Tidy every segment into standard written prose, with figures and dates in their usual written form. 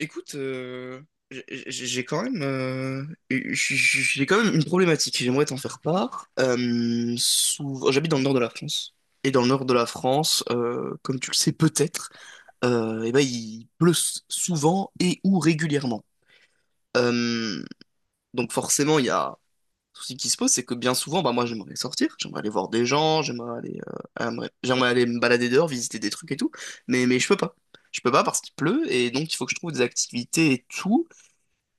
Écoute, j'ai quand même, j'ai quand même une problématique. J'aimerais t'en faire part. J'habite dans le nord de la France. Et dans le nord de la France, comme tu le sais peut-être, eh ben, il pleut souvent et ou régulièrement. Euh, donc forcément, il y a un souci qui se pose, c'est que bien souvent, bah, moi j'aimerais sortir, j'aimerais aller voir des gens, j'aimerais aller, j'aimerais aller me balader dehors, visiter des trucs et tout, mais je peux pas. Je peux pas parce qu'il pleut et donc il faut que je trouve des activités et tout.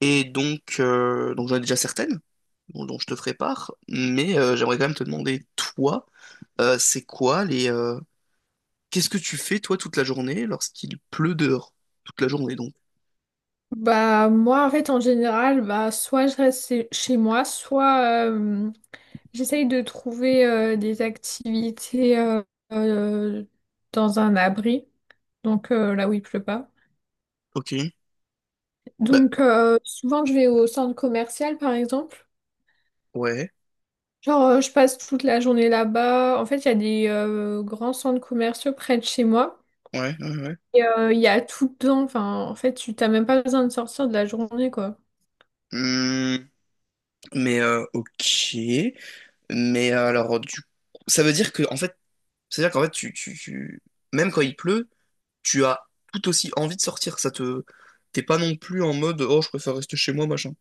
Et donc, j'en ai déjà certaines dont je te ferai part, mais j'aimerais quand même te demander, toi, euh, c'est quoi les... euh, qu'est-ce que tu fais, toi, toute la journée lorsqu'il pleut dehors? Toute la journée, donc. Bah moi en fait en général bah soit je reste chez moi soit j'essaye de trouver des activités euh, dans un abri donc là où il pleut pas. Ok. Bah, Donc souvent je vais au centre commercial par exemple. ouais, Genre je passe toute la journée là-bas. En fait il y a des grands centres commerciaux près de chez moi ouais, ouais, ouais. et il y a tout dedans. Enfin en fait tu t'as même pas besoin de sortir de la journée quoi. Hmm, mais, ok. Mais alors, du ça veut dire que, en fait, c'est-à-dire qu'en fait, même quand il pleut, tu as tout aussi envie de sortir. T'es pas non plus en mode, oh, je préfère rester chez moi, machin.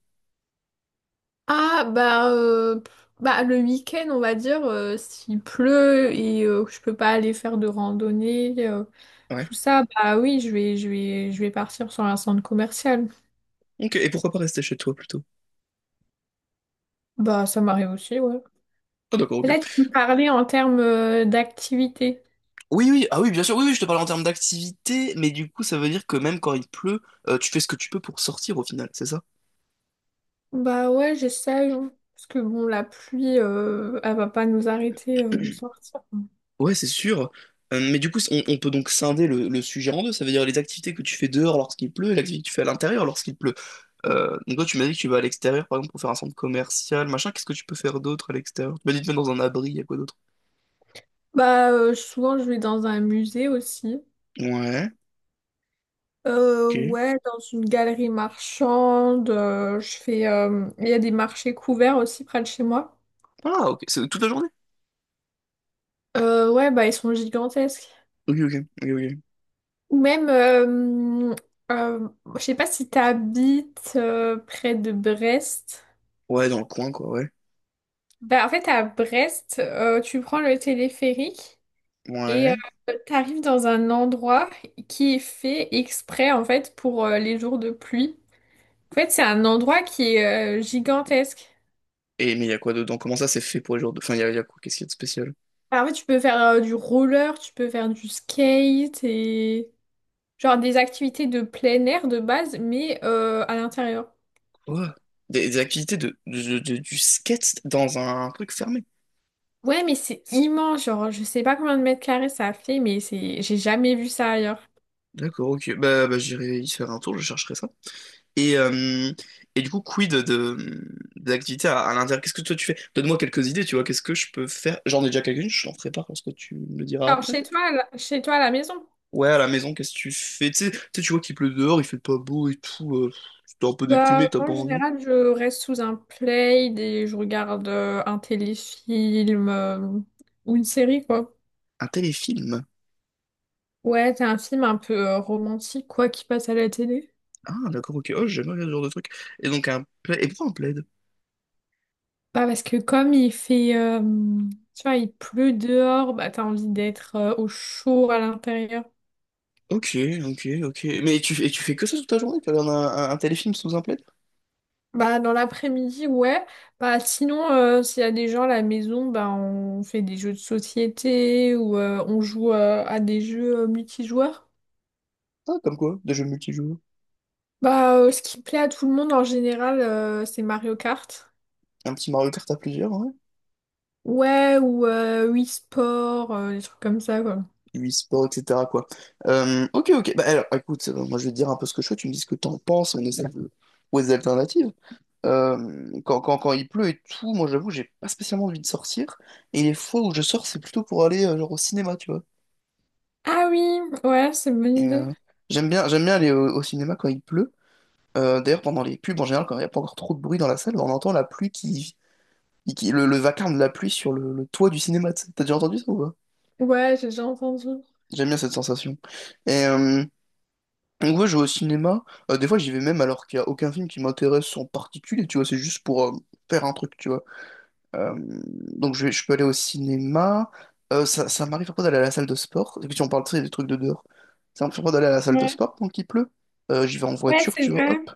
Ah bah, bah le week-end on va dire s'il pleut et que je peux pas aller faire de randonnée Ouais. tout ça, bah oui je vais je vais partir sur un centre commercial. Ok, et pourquoi pas rester chez toi plutôt? Bah ça m'arrive aussi, ouais. Ah d'accord, Là ok. tu me parlais en termes d'activité. Oui, oui, ah oui, bien sûr, oui, oui, je te parle en termes d'activité, mais du coup, ça veut dire que même quand il pleut, tu fais ce que tu peux pour sortir au final, c'est ça? Bah ouais, j'essaye, hein. Parce que bon, la pluie elle va pas nous arrêter de sortir. Ouais, c'est sûr. Mais du coup, on peut donc scinder le sujet en deux, ça veut dire les activités que tu fais dehors lorsqu'il pleut et l'activité que tu fais à l'intérieur lorsqu'il pleut. Donc toi, tu m'as dit que tu vas à l'extérieur, par exemple, pour faire un centre commercial, machin, qu'est-ce que tu peux faire d'autre à l'extérieur? Tu m'as dit de mettre dans un abri, il y a quoi d'autre? Bah souvent je vais dans un musée aussi. Ouais, ok. Ouais, dans une galerie marchande, je fais. Euh, il y a des marchés couverts aussi près de chez moi. Ah, ok, c'est toute la journée? Ouais, bah ils sont gigantesques. Ok, ok, ok, ok. Ou même, euh, je sais pas si t'habites près de Brest. Ouais, dans le coin, quoi, ouais. Bah en fait à Brest, tu prends le téléphérique et Ouais. t'arrives dans un endroit qui est fait exprès en fait pour les jours de pluie. En fait, c'est un endroit qui est gigantesque. Et mais il y a quoi dedans? Comment ça c'est fait pour les joueurs de... Enfin, y a quoi? Qu'est-ce qu'il y a de spécial? Bah, en fait, tu peux faire du roller, tu peux faire du skate et genre des activités de plein air de base, mais à l'intérieur. Quoi? Des activités du skate dans un truc fermé. Ouais, mais c'est immense, genre je sais pas combien de mètres carrés ça fait, mais c'est, j'ai jamais vu ça ailleurs. D'accord, ok. Bah j'irai y faire un tour, je chercherai ça. Et, euh, et du coup, quid des activités à l'intérieur? Qu'est-ce que toi tu fais? Donne-moi quelques idées, tu vois, qu'est-ce que je peux faire? J'en ai déjà quelques-unes, je t'en ferai part parce que tu me le diras Alors après. chez toi, chez toi à la maison? Ouais, à la maison, qu'est-ce que tu fais? Tu sais, tu vois qu'il pleut dehors, il fait pas beau et tout. T'es un peu déprimé, Bah t'as pas en envie. général, je reste sous un plaid et je regarde un téléfilm ou une série quoi. Un téléfilm? Ouais, t'as un film un peu romantique quoi qui passe à la télé. Ah, d'accord, ok. Oh, j'aime bien ce genre de truc. Et donc, un plaid. Et pourquoi un plaid? Bah parce que comme il fait, tu vois, il pleut dehors, bah t'as envie d'être au chaud à l'intérieur. Ok, ok, ok. Mais et tu fais que ça toute ta journée? Tu regardes un téléfilm sous un plaid? Bah dans l'après-midi, ouais. Bah sinon, s'il y a des gens à la maison, bah on fait des jeux de société ou on joue à des jeux multijoueurs. Ah, comme quoi? Des jeux multijoueurs. Bah ce qui plaît à tout le monde en général, c'est Mario Kart. Un petit Mario Kart à plusieurs, ouais. Ouais, ou Wii Sport, des trucs comme ça, quoi. E-sport, etc., quoi. Ok, ok. Bah, alors, écoute, moi, je vais te dire un peu ce que je fais. Tu me dis ce que t'en penses. On essaie de trouver des alternatives. Euh, quand il pleut et tout, moi, j'avoue, j'ai pas spécialement envie de sortir. Et les fois où je sors, c'est plutôt pour aller, genre, au cinéma, tu vois. Ah oui, ouais, c'est une bonne Et, idée. euh, J'aime bien, j'aime bien aller au cinéma quand il pleut. D'ailleurs, pendant les pubs, en général, quand il n'y a pas encore trop de bruit dans la salle, on entend la pluie le vacarme de la pluie sur le toit du cinéma. Tu sais. T'as déjà entendu ça ou pas? Ouais, j'ai déjà entendu. J'aime bien cette sensation. Et euh, donc, ouais, je vais au cinéma. Des fois, j'y vais même alors qu'il n'y a aucun film qui m'intéresse en particulier, tu vois. C'est juste pour faire un truc, tu vois. Euh, donc, je peux aller au cinéma. Ça m'arrive parfois d'aller à la salle de sport. Et puis, si on parle tu sais, des trucs de dehors. Ça m'arrive parfois d'aller à la salle de Ouais, sport quand il pleut. J'y vais en ouais, voiture, c'est tu vois. vrai. Hop.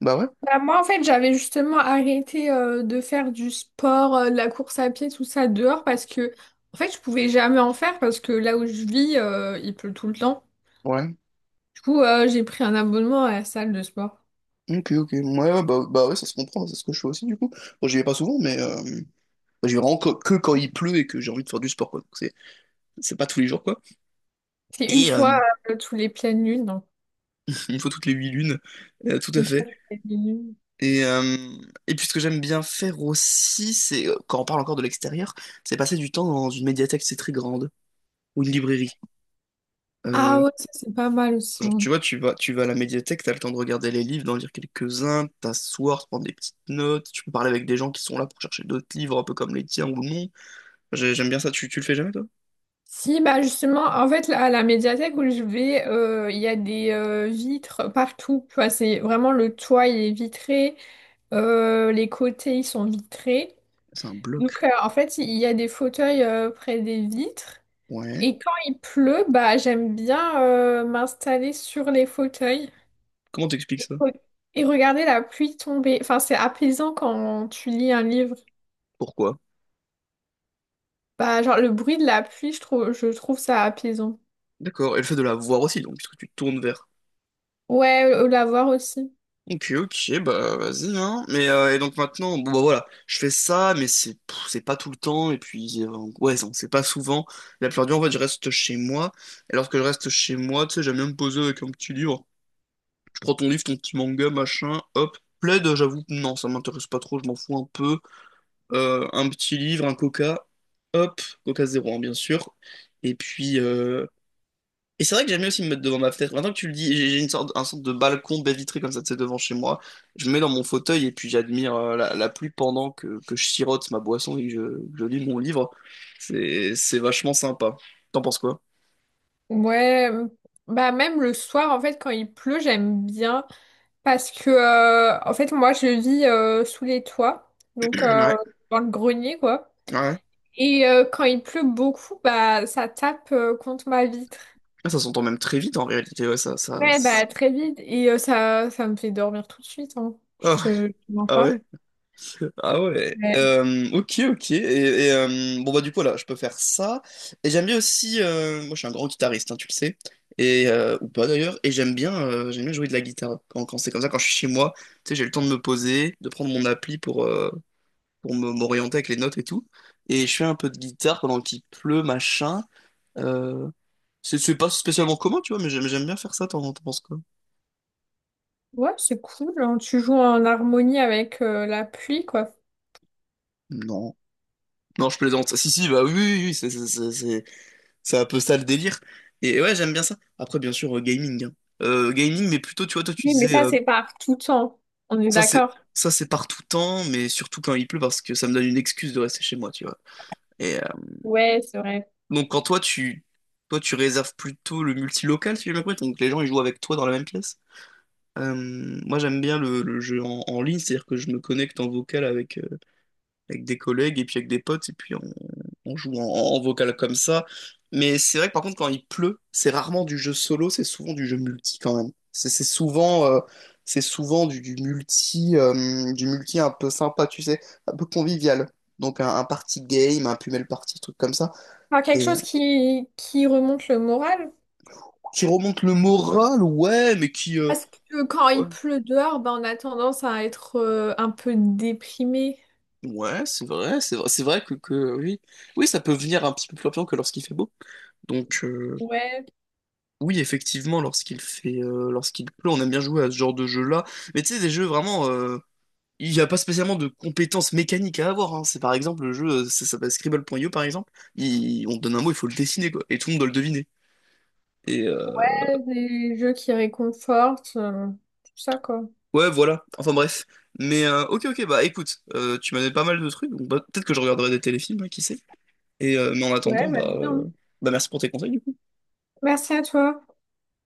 Bah ouais. Bah, moi, en fait, j'avais justement arrêté de faire du sport, de la course à pied, tout ça dehors parce que, en fait, je pouvais jamais en faire parce que là où je vis, il pleut tout le temps. Ouais. Du coup, j'ai pris un abonnement à la salle de sport. Ok, ok. Ouais, ouais, bah ouais, ça se comprend, c'est ce que je fais aussi du coup. Bon, j'y vais pas souvent, mais bah, j'y vais vraiment que quand il pleut et que j'ai envie de faire du sport, quoi. Donc, c'est pas tous les jours, quoi. C'est une Et fois euh, tous les pleines lunes, donc une fois toutes les huit lunes, tout à une fois fait. toutes les pleines lunes. Et, euh, et puis ce que j'aime bien faire aussi, c'est, quand on parle encore de l'extérieur, c'est passer du temps dans une médiathèque, c'est très grande, ou une librairie. Ah Euh, ouais, ça c'est pas mal aussi, genre, hein. tu vois, tu vas à la médiathèque, t'as le temps de regarder les livres, d'en lire quelques-uns, t'asseoir, te prendre des petites notes, tu peux parler avec des gens qui sont là pour chercher d'autres livres, un peu comme les tiens ou non. J'aime bien ça. Tu le fais jamais, toi? Si, bah justement, en fait, là, à la médiathèque où je vais, il y a des vitres partout. Tu vois, c'est vraiment le toit, il est vitré, les côtés, ils sont vitrés. C'est un Donc, bloc. En fait, il y a des fauteuils près des vitres. Ouais. Et quand il pleut, bah, j'aime bien m'installer sur les fauteuils Comment t'expliques et, ça? re- et regarder la pluie tomber. Enfin, c'est apaisant quand tu lis un livre. Pourquoi? Bah, genre, le bruit de la pluie, je trouve ça apaisant. D'accord. Et le fait de la voir aussi, donc, puisque tu te tournes vers. Ouais, la voir aussi. Ok, ok, bah vas-y, hein. Mais et donc maintenant, bon bah voilà, je fais ça, mais c'est pas tout le temps, et puis ouais, non, c'est pas souvent. La plupart du temps, en fait, je reste chez moi. Et lorsque je reste chez moi, tu sais, j'aime bien me poser avec un petit livre. Je prends ton livre, ton petit manga, machin, hop. Plaid, j'avoue, que non, ça m'intéresse pas trop, je m'en fous un peu. Un petit livre, un coca, hop, coca zéro, hein, bien sûr. Et puis, c'est vrai que j'aime bien aussi me mettre devant ma fenêtre. Maintenant que tu le dis, j'ai une sorte, un sorte de balcon baie vitrée comme ça, tu sais, devant chez moi. Je me mets dans mon fauteuil et puis j'admire la pluie pendant que je sirote ma boisson et que je lis mon livre. C'est vachement sympa. T'en penses quoi? Ouais, bah, même le soir, en fait, quand il pleut, j'aime bien. Parce que, en fait, moi, je vis sous les toits. Donc, Ouais, dans le grenier, quoi. ouais. Et quand il pleut beaucoup, bah ça tape contre ma vitre. Ah, ça s'entend même très vite en réalité, ouais, ça, ça. Ouais, bah très vite. Et ça, ça me fait dormir tout de suite, hein. Ah, Je te mens ah pas. ouais. Ah ouais, Ouais, ok, ok. Bon, bah, du coup, là, je peux faire ça. Et j'aime bien aussi. Moi, je suis un grand guitariste, hein, tu le sais. Ou pas d'ailleurs. Et j'aime bien jouer de la guitare. Quand c'est comme ça, quand je suis chez moi, tu sais, j'ai le temps de me poser, de prendre mon appli pour, m'orienter avec les notes et tout. Et je fais un peu de guitare pendant qu'il pleut, machin. Euh, c'est pas spécialement commun, tu vois, mais j'aime bien faire ça. T'en penses quoi? ouais, c'est cool, hein. Tu joues en harmonie avec la pluie, quoi. Non. Non, je plaisante. Si, si, bah oui, oui, oui, c'est un peu ça le délire. Et ouais, j'aime bien ça. Après, bien sûr, gaming, hein. Gaming, mais plutôt, tu vois, toi, tu Oui, mais disais, ça, c'est par tout temps. On est ça c'est d'accord? ça c'est par tout temps, mais surtout quand il pleut, parce que ça me donne une excuse de rester chez moi, tu vois. Et euh, Ouais, c'est vrai. donc, quand toi, tu réserves plutôt le multilocal, si j'ai bien compris. Donc, les gens, ils jouent avec toi dans la même pièce. Euh, Moi, j'aime bien le jeu en ligne, c'est-à-dire que je me connecte en vocal avec des collègues et puis avec des potes, et puis on joue en vocal comme ça. Mais c'est vrai que par contre, quand il pleut, c'est rarement du jeu solo, c'est souvent du jeu multi quand même. C'est souvent du multi un peu sympa, tu sais, un peu convivial. Donc un party game, un Pumel party, truc comme ça. Enfin, quelque Et euh, chose qui remonte le moral. qui remonte le moral, ouais, mais Parce que quand ouais, il pleut dehors, bah, on a tendance à être un peu déprimé. ouais, c'est vrai, c'est vrai, c'est vrai que oui. Oui, ça peut venir un petit peu plus rapidement que lorsqu'il fait beau. Donc... euh, Ouais. Oui, effectivement, lorsqu'il pleut, on aime bien jouer à ce genre de jeu-là. Mais tu sais, des jeux vraiment, il n'y a pas spécialement de compétences mécaniques à avoir, hein. C'est par exemple le jeu, ça s'appelle Scribble.io par exemple. On te donne un mot, il faut le dessiner quoi, et tout le monde doit le deviner. Et euh, Ouais, des jeux qui réconfortent, tout ça, quoi. ouais, voilà. Enfin bref. Mais ok, ok, bah écoute, tu m'as donné pas mal de trucs, donc bah, peut-être que je regarderai des téléfilms, hein, qui sait. Mais en Ouais, attendant, bah, vas-y, hein. bah merci pour tes conseils, du coup. Merci à toi.